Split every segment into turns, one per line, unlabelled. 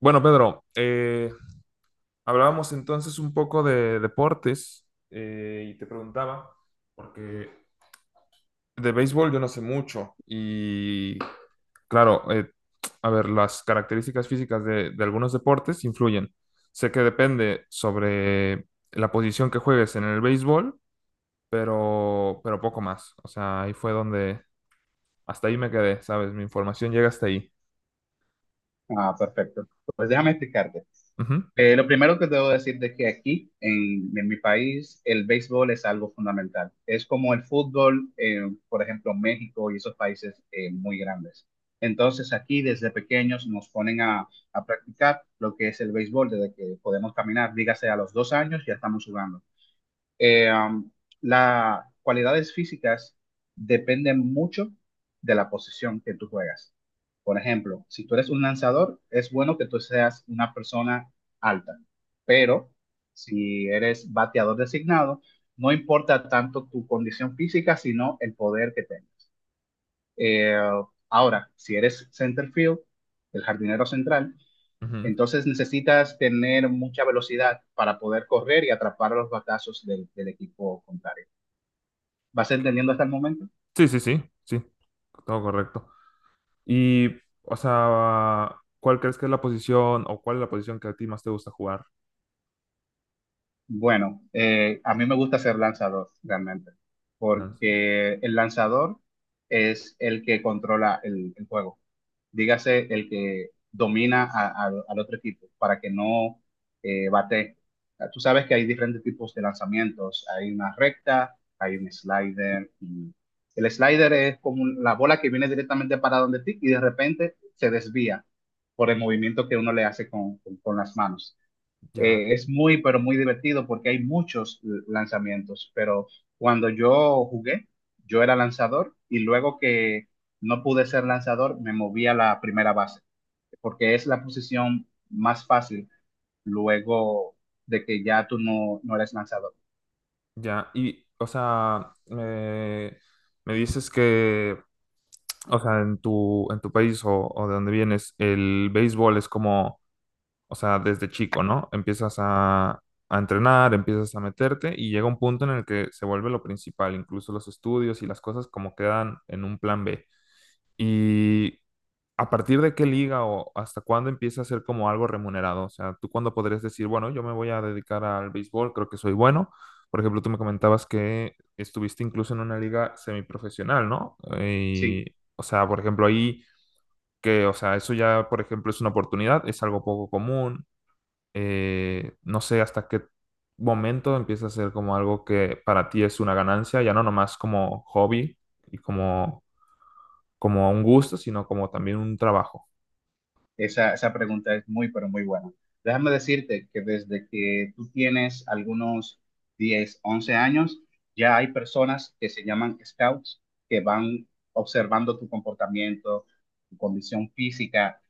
Bueno, Pedro, hablábamos entonces un poco de deportes y te preguntaba, porque de béisbol yo no sé mucho y claro, a ver, las características físicas de algunos deportes influyen. Sé que depende sobre la posición que juegues en el béisbol, pero poco más. O sea, ahí fue donde, hasta ahí me quedé, ¿sabes? Mi información llega hasta ahí.
Ah, perfecto. Pues déjame explicarte.
Ujú,
Lo primero que debo decirte es que aquí, en mi país, el béisbol es algo fundamental. Es como el fútbol, por ejemplo, México y esos países muy grandes. Entonces, aquí desde pequeños nos ponen a practicar lo que es el béisbol desde que podemos caminar, dígase a los 2 años, ya estamos jugando. Eh, um, las cualidades físicas dependen mucho de la posición que tú juegas. Por ejemplo, si tú eres un lanzador, es bueno que tú seas una persona alta, pero si eres bateador designado, no importa tanto tu condición física, sino el poder que tengas. Eh, Ahora, si eres center field, el jardinero central,
ujú.
entonces necesitas tener mucha velocidad para poder correr y atrapar a los batazos del equipo contrario. ¿Vas entendiendo hasta el momento?
Sí, sí, sí, sí, todo correcto. Y, o sea, ¿cuál crees que es la posición o cuál es la posición que a ti más te gusta jugar?
Bueno, a mí me gusta ser lanzador realmente,
Lanzador.
porque el lanzador es el que controla el juego. Dígase, el que domina al otro equipo para que no bate. Ah, tú sabes que hay diferentes tipos de lanzamientos. Hay una recta, hay un slider. Y el slider es como la bola que viene directamente para donde ti y de repente se desvía por el movimiento que uno le hace con con las manos.
Ya,
Es muy, pero muy divertido porque hay muchos lanzamientos, pero cuando yo jugué, yo era lanzador y luego que no pude ser lanzador, me moví a la primera base, porque es la posición más fácil luego de que ya tú no eres lanzador.
ya. Y, o sea, me dices que, o sea, en tu país o de donde vienes, el béisbol es como, o sea, desde chico, ¿no? Empiezas a entrenar, empiezas a meterte y llega un punto en el que se vuelve lo principal, incluso los estudios y las cosas como quedan en un plan B. Y ¿a partir de qué liga o hasta cuándo empieza a ser como algo remunerado? O sea, ¿tú cuándo podrías decir, bueno, yo me voy a dedicar al béisbol, creo que soy bueno? Por ejemplo, tú me comentabas que estuviste incluso en una liga semiprofesional, ¿no?
Sí,
Y, o sea, por ejemplo, ahí que, o sea, eso ya, por ejemplo, es una oportunidad, es algo poco común. No sé hasta qué momento empieza a ser como algo que para ti es una ganancia, ya no nomás como hobby y como, como un gusto, sino como también un trabajo.
esa pregunta es muy, pero muy buena. Déjame decirte que desde que tú tienes algunos 10 u 11 años, ya hay personas que se llaman scouts, que van observando tu comportamiento, tu condición física,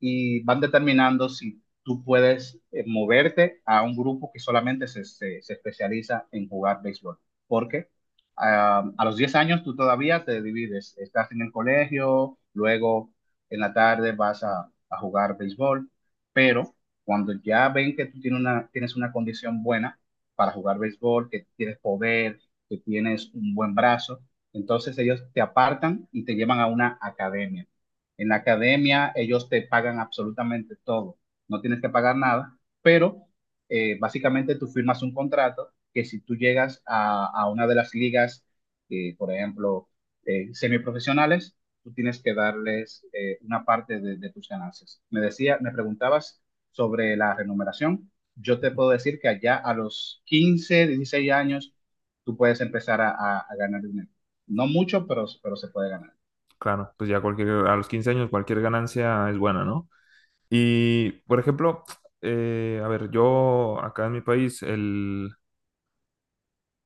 y van determinando si tú puedes moverte a un grupo que solamente se especializa en jugar béisbol. Porque ah, a los 10 años tú todavía te divides, estás en el colegio, luego en la tarde vas a jugar béisbol, pero cuando ya ven que tú tienes una condición buena para jugar béisbol, que tienes poder, que tienes un buen brazo, entonces ellos te apartan y te llevan a una academia. En la academia ellos te pagan absolutamente todo, no tienes que pagar nada, pero básicamente tú firmas un contrato que si tú llegas a una de las ligas, por ejemplo, semiprofesionales, tú tienes que darles una parte de tus ganancias. Me decía, me preguntabas sobre la remuneración. Yo te puedo decir que allá a los 15, 16 años, tú puedes empezar a ganar dinero. No mucho, pero se puede ganar.
Claro, pues ya cualquier, a los 15 años cualquier ganancia es buena, ¿no? Y, por ejemplo, a ver, yo acá en mi país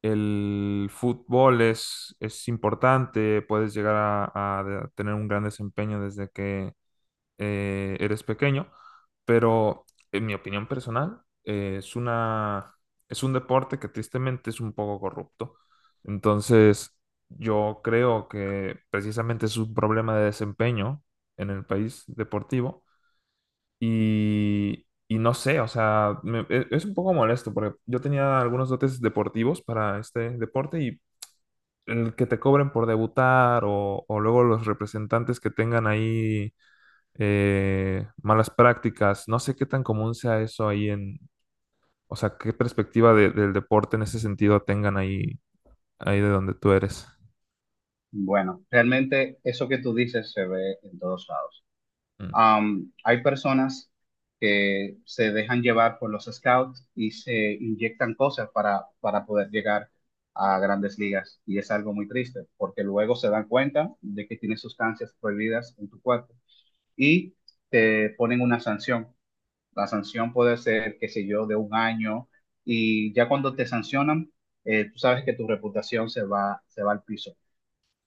el fútbol es importante, puedes llegar a de- tener un gran desempeño desde que eres pequeño, pero en mi opinión personal es una, es un deporte que tristemente es un poco corrupto. Entonces, yo creo que precisamente es un problema de desempeño en el país deportivo y no sé, o sea, me- e- es un poco molesto porque yo tenía algunos dotes deportivos para este deporte y... El que te cobren por debutar o luego los representantes que tengan ahí malas prácticas. No sé qué tan común sea eso ahí en, o sea, qué perspectiva de- del deporte en ese sentido tengan ahí, ahí de donde tú eres.
Bueno, realmente eso que tú dices se ve en todos lados.
Mm,
Hay personas que se dejan llevar por los scouts y se inyectan cosas para poder llegar a grandes ligas y es algo muy triste porque luego se dan cuenta de que tienes sustancias prohibidas en tu cuerpo y te ponen una sanción. La sanción puede ser, qué sé yo, de un año y ya cuando te sancionan, tú sabes que tu reputación se va al piso.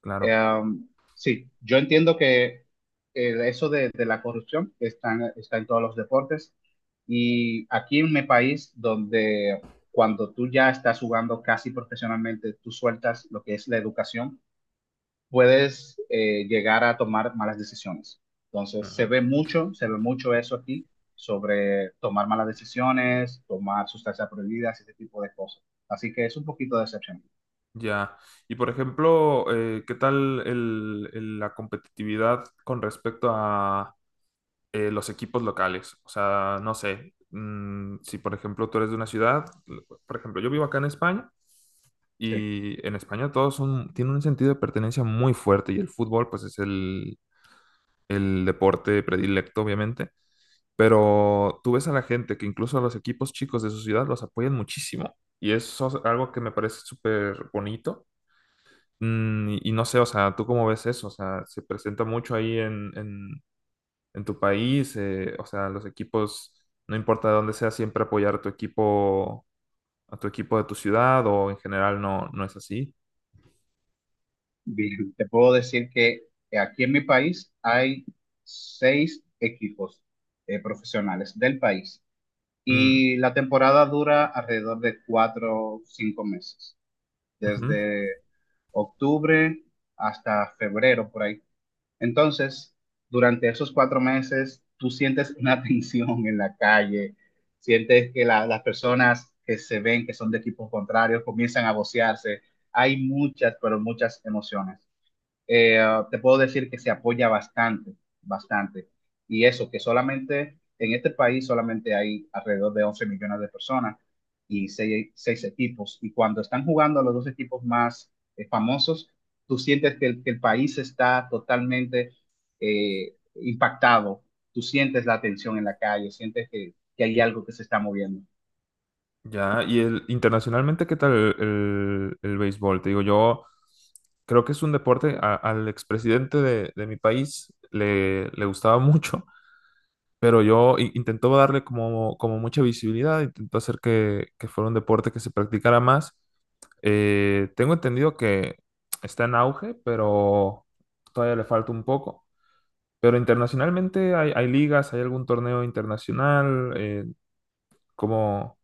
claro.
Em, sí, yo entiendo que eso de la corrupción está en, está en todos los deportes y aquí en mi país donde cuando tú ya estás jugando casi profesionalmente, tú sueltas lo que es la educación, puedes llegar a tomar malas decisiones. Entonces
Ujú.
se ve mucho eso aquí sobre tomar malas decisiones, tomar sustancias prohibidas, ese tipo de cosas. Así que es un poquito decepcionante.
Ya. Y por ejemplo, ¿qué tal el- la competitividad con respecto a los equipos locales? O sea, no sé, mm, si por ejemplo tú eres de una ciudad, por ejemplo, yo vivo acá en España.
Sí.
Y en España todos son, tienen un sentido de pertenencia muy fuerte y el fútbol pues es el deporte predilecto, obviamente, pero tú ves a la gente que incluso a los equipos chicos de su ciudad los apoyan muchísimo y eso es algo que me parece súper bonito. Mm, y no sé, o sea, ¿tú cómo ves eso? O sea, ¿se presenta mucho ahí en tu país? O sea, los equipos, no importa de dónde sea, siempre apoyar a tu equipo de tu ciudad o en general no, no es así.
Bien, te puedo decir que aquí en mi país hay seis equipos profesionales del país
Mm,
y la temporada dura alrededor de cuatro o cinco meses,
ujú.
desde octubre hasta febrero por ahí. Entonces, durante esos cuatro meses, tú sientes una tensión en la calle, sientes que las personas que se ven que son de equipos contrarios comienzan a vocearse. Hay muchas, pero muchas emociones. Eh, te puedo decir que se apoya bastante, bastante. Y eso, que solamente en este país solamente hay alrededor de 11 millones de personas y seis equipos. Y cuando están jugando los dos equipos más famosos, tú sientes que que el país está totalmente impactado. Tú sientes la tensión en la calle, sientes que hay algo que se está moviendo.
Ya, y el, internacionalmente, ¿qué tal el béisbol? Te digo, yo creo que es un deporte, a- al expresidente de mi país le, le gustaba mucho, pero yo i- intentó darle como, como mucha visibilidad, intentó hacer que fuera un deporte que se practicara más. Tengo entendido que está en auge, pero todavía le falta un poco. Pero internacionalmente hay, hay ligas, hay algún torneo internacional, como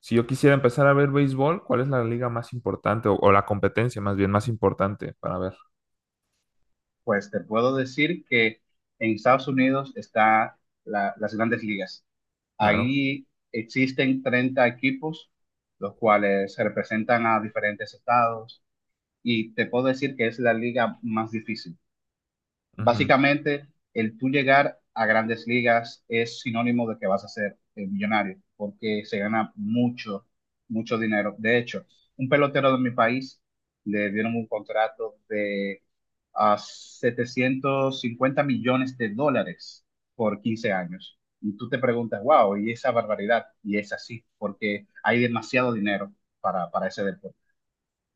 si yo quisiera empezar a ver béisbol, ¿cuál es la liga más importante o la competencia más bien más importante para ver?
Pues te puedo decir que en Estados Unidos está las grandes ligas.
Claro.
Ahí existen 30 equipos, los cuales representan a diferentes estados, y te puedo decir que es la liga más difícil.
Ujú.
Básicamente, el tú llegar a grandes ligas es sinónimo de que vas a ser millonario, porque se gana mucho, mucho dinero. De hecho, un pelotero de mi país le dieron un contrato de a 750 millones de dólares por 15 años. Y tú te preguntas, wow, y esa barbaridad, y es así, porque hay demasiado dinero para ese deporte.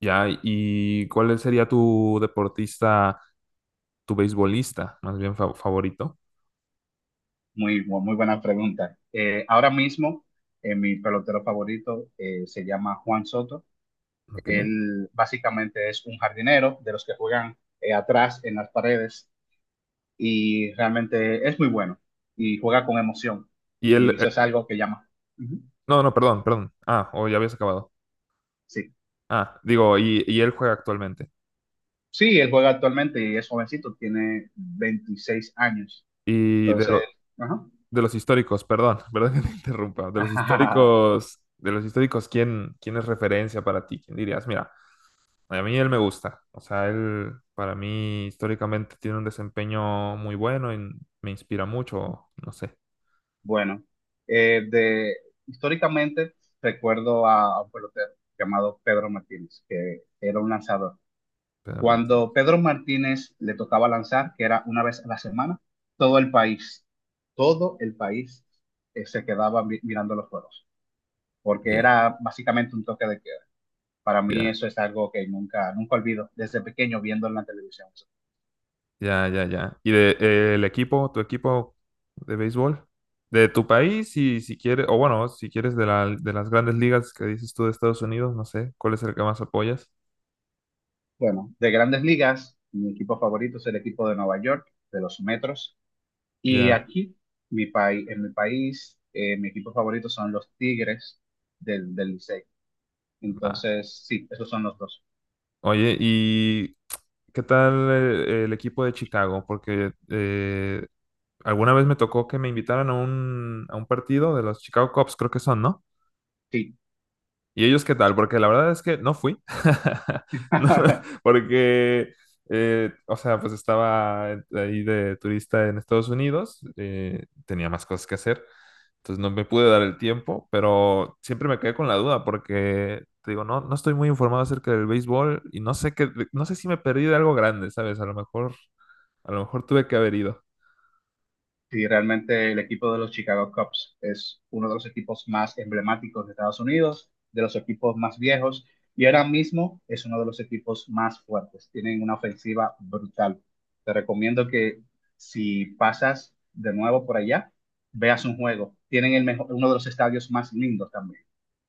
Ya, ¿y cuál sería tu deportista, tu beisbolista más bien fa- favorito?
Muy, muy buena pregunta. Ahora mismo, mi pelotero favorito se llama Juan Soto.
Ok.
Él básicamente es un jardinero de los que juegan atrás en las paredes y realmente es muy bueno y juega con emoción.
Y él,
Y eso es algo que llama. Ujú.
no, no, perdón, perdón. Ah, o ya habías acabado.
Sí.
Ah, digo, y él juega actualmente.
Sí, él juega actualmente y es jovencito, tiene 26 años.
Y de,
Entonces,
lo-
ajá.
de los históricos, perdón, perdón que te interrumpa. De los históricos, ¿quién, quién es referencia para ti? ¿Quién dirías? Mira, a mí él me gusta. O sea, él para mí históricamente tiene un desempeño muy bueno y me inspira mucho. No sé.
Bueno, eh, de, históricamente recuerdo a un pelotero llamado Pedro Martínez, que era un lanzador.
Pedro Martínez.
Cuando Pedro Martínez le tocaba lanzar, que era una vez a la semana, todo el país, todo el país se quedaba mirando los juegos, porque
Ya,
era básicamente un toque de queda. Para mí
ya,
eso es algo que nunca, nunca olvido, desde pequeño viendo en la televisión.
ya, ya, ya. ¿Y de, el equipo, tu equipo de béisbol? De tu país, y si quieres, o bueno, si quieres de, la, de las grandes ligas que dices tú de Estados Unidos, no sé, ¿cuál es el que más apoyas?
Bueno, de grandes ligas, mi equipo favorito es el equipo de Nueva York, de los Metros. Y
Ya.
aquí, mi país, en mi país, mi equipo favorito son los Tigres del Licey.
Ah,
Entonces, sí, esos son los dos.
oye, ¿y qué tal el, equipo de Chicago? Porque alguna vez me tocó que me invitaran a un partido de los Chicago Cubs, creo que son, ¿no?
Sí.
¿Y ellos qué tal? Porque la verdad es que no fui. No, porque, o sea, pues estaba ahí de turista en Estados Unidos, tenía más cosas que hacer, entonces no me pude dar el tiempo, pero siempre me quedé con la duda porque, te digo, no, no estoy muy informado acerca del béisbol y no sé qué, no sé si me perdí de algo grande, ¿sabes? A lo mejor tuve que haber ido.
Sí, realmente el equipo de los Chicago Cubs es uno de los equipos más emblemáticos de Estados Unidos, de los equipos más viejos, y ahora mismo es uno de los equipos más fuertes. Tienen una ofensiva brutal. Te recomiendo que si pasas de nuevo por allá, veas un juego. Tienen el mejor, uno de los estadios más lindos también.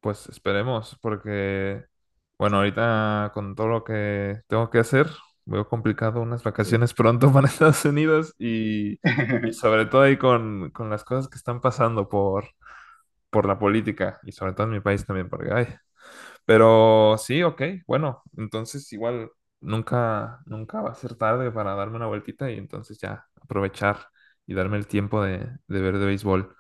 Pues esperemos, porque, bueno, ahorita con todo lo que tengo que hacer, veo complicado unas
Sí.
vacaciones pronto para Estados Unidos y sobre todo ahí con las cosas que están pasando por la política y sobre todo en mi país también, porque hay. Pero sí, ok, bueno, entonces igual nunca, nunca va a ser tarde para darme una vueltita y entonces ya aprovechar y darme el tiempo de ver de béisbol.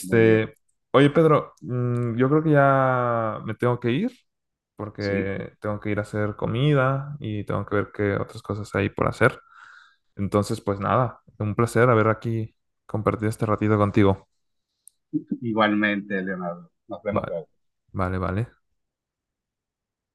Muy bien,
oye Pedro, mm, yo creo que ya me tengo que ir
sí.
porque tengo que ir a hacer comida y tengo que ver qué otras cosas hay por hacer. Entonces, pues nada, un placer haber aquí compartido este ratito contigo.
Igualmente, Leonardo. Nos vemos
Vale,
luego.
vale, vale.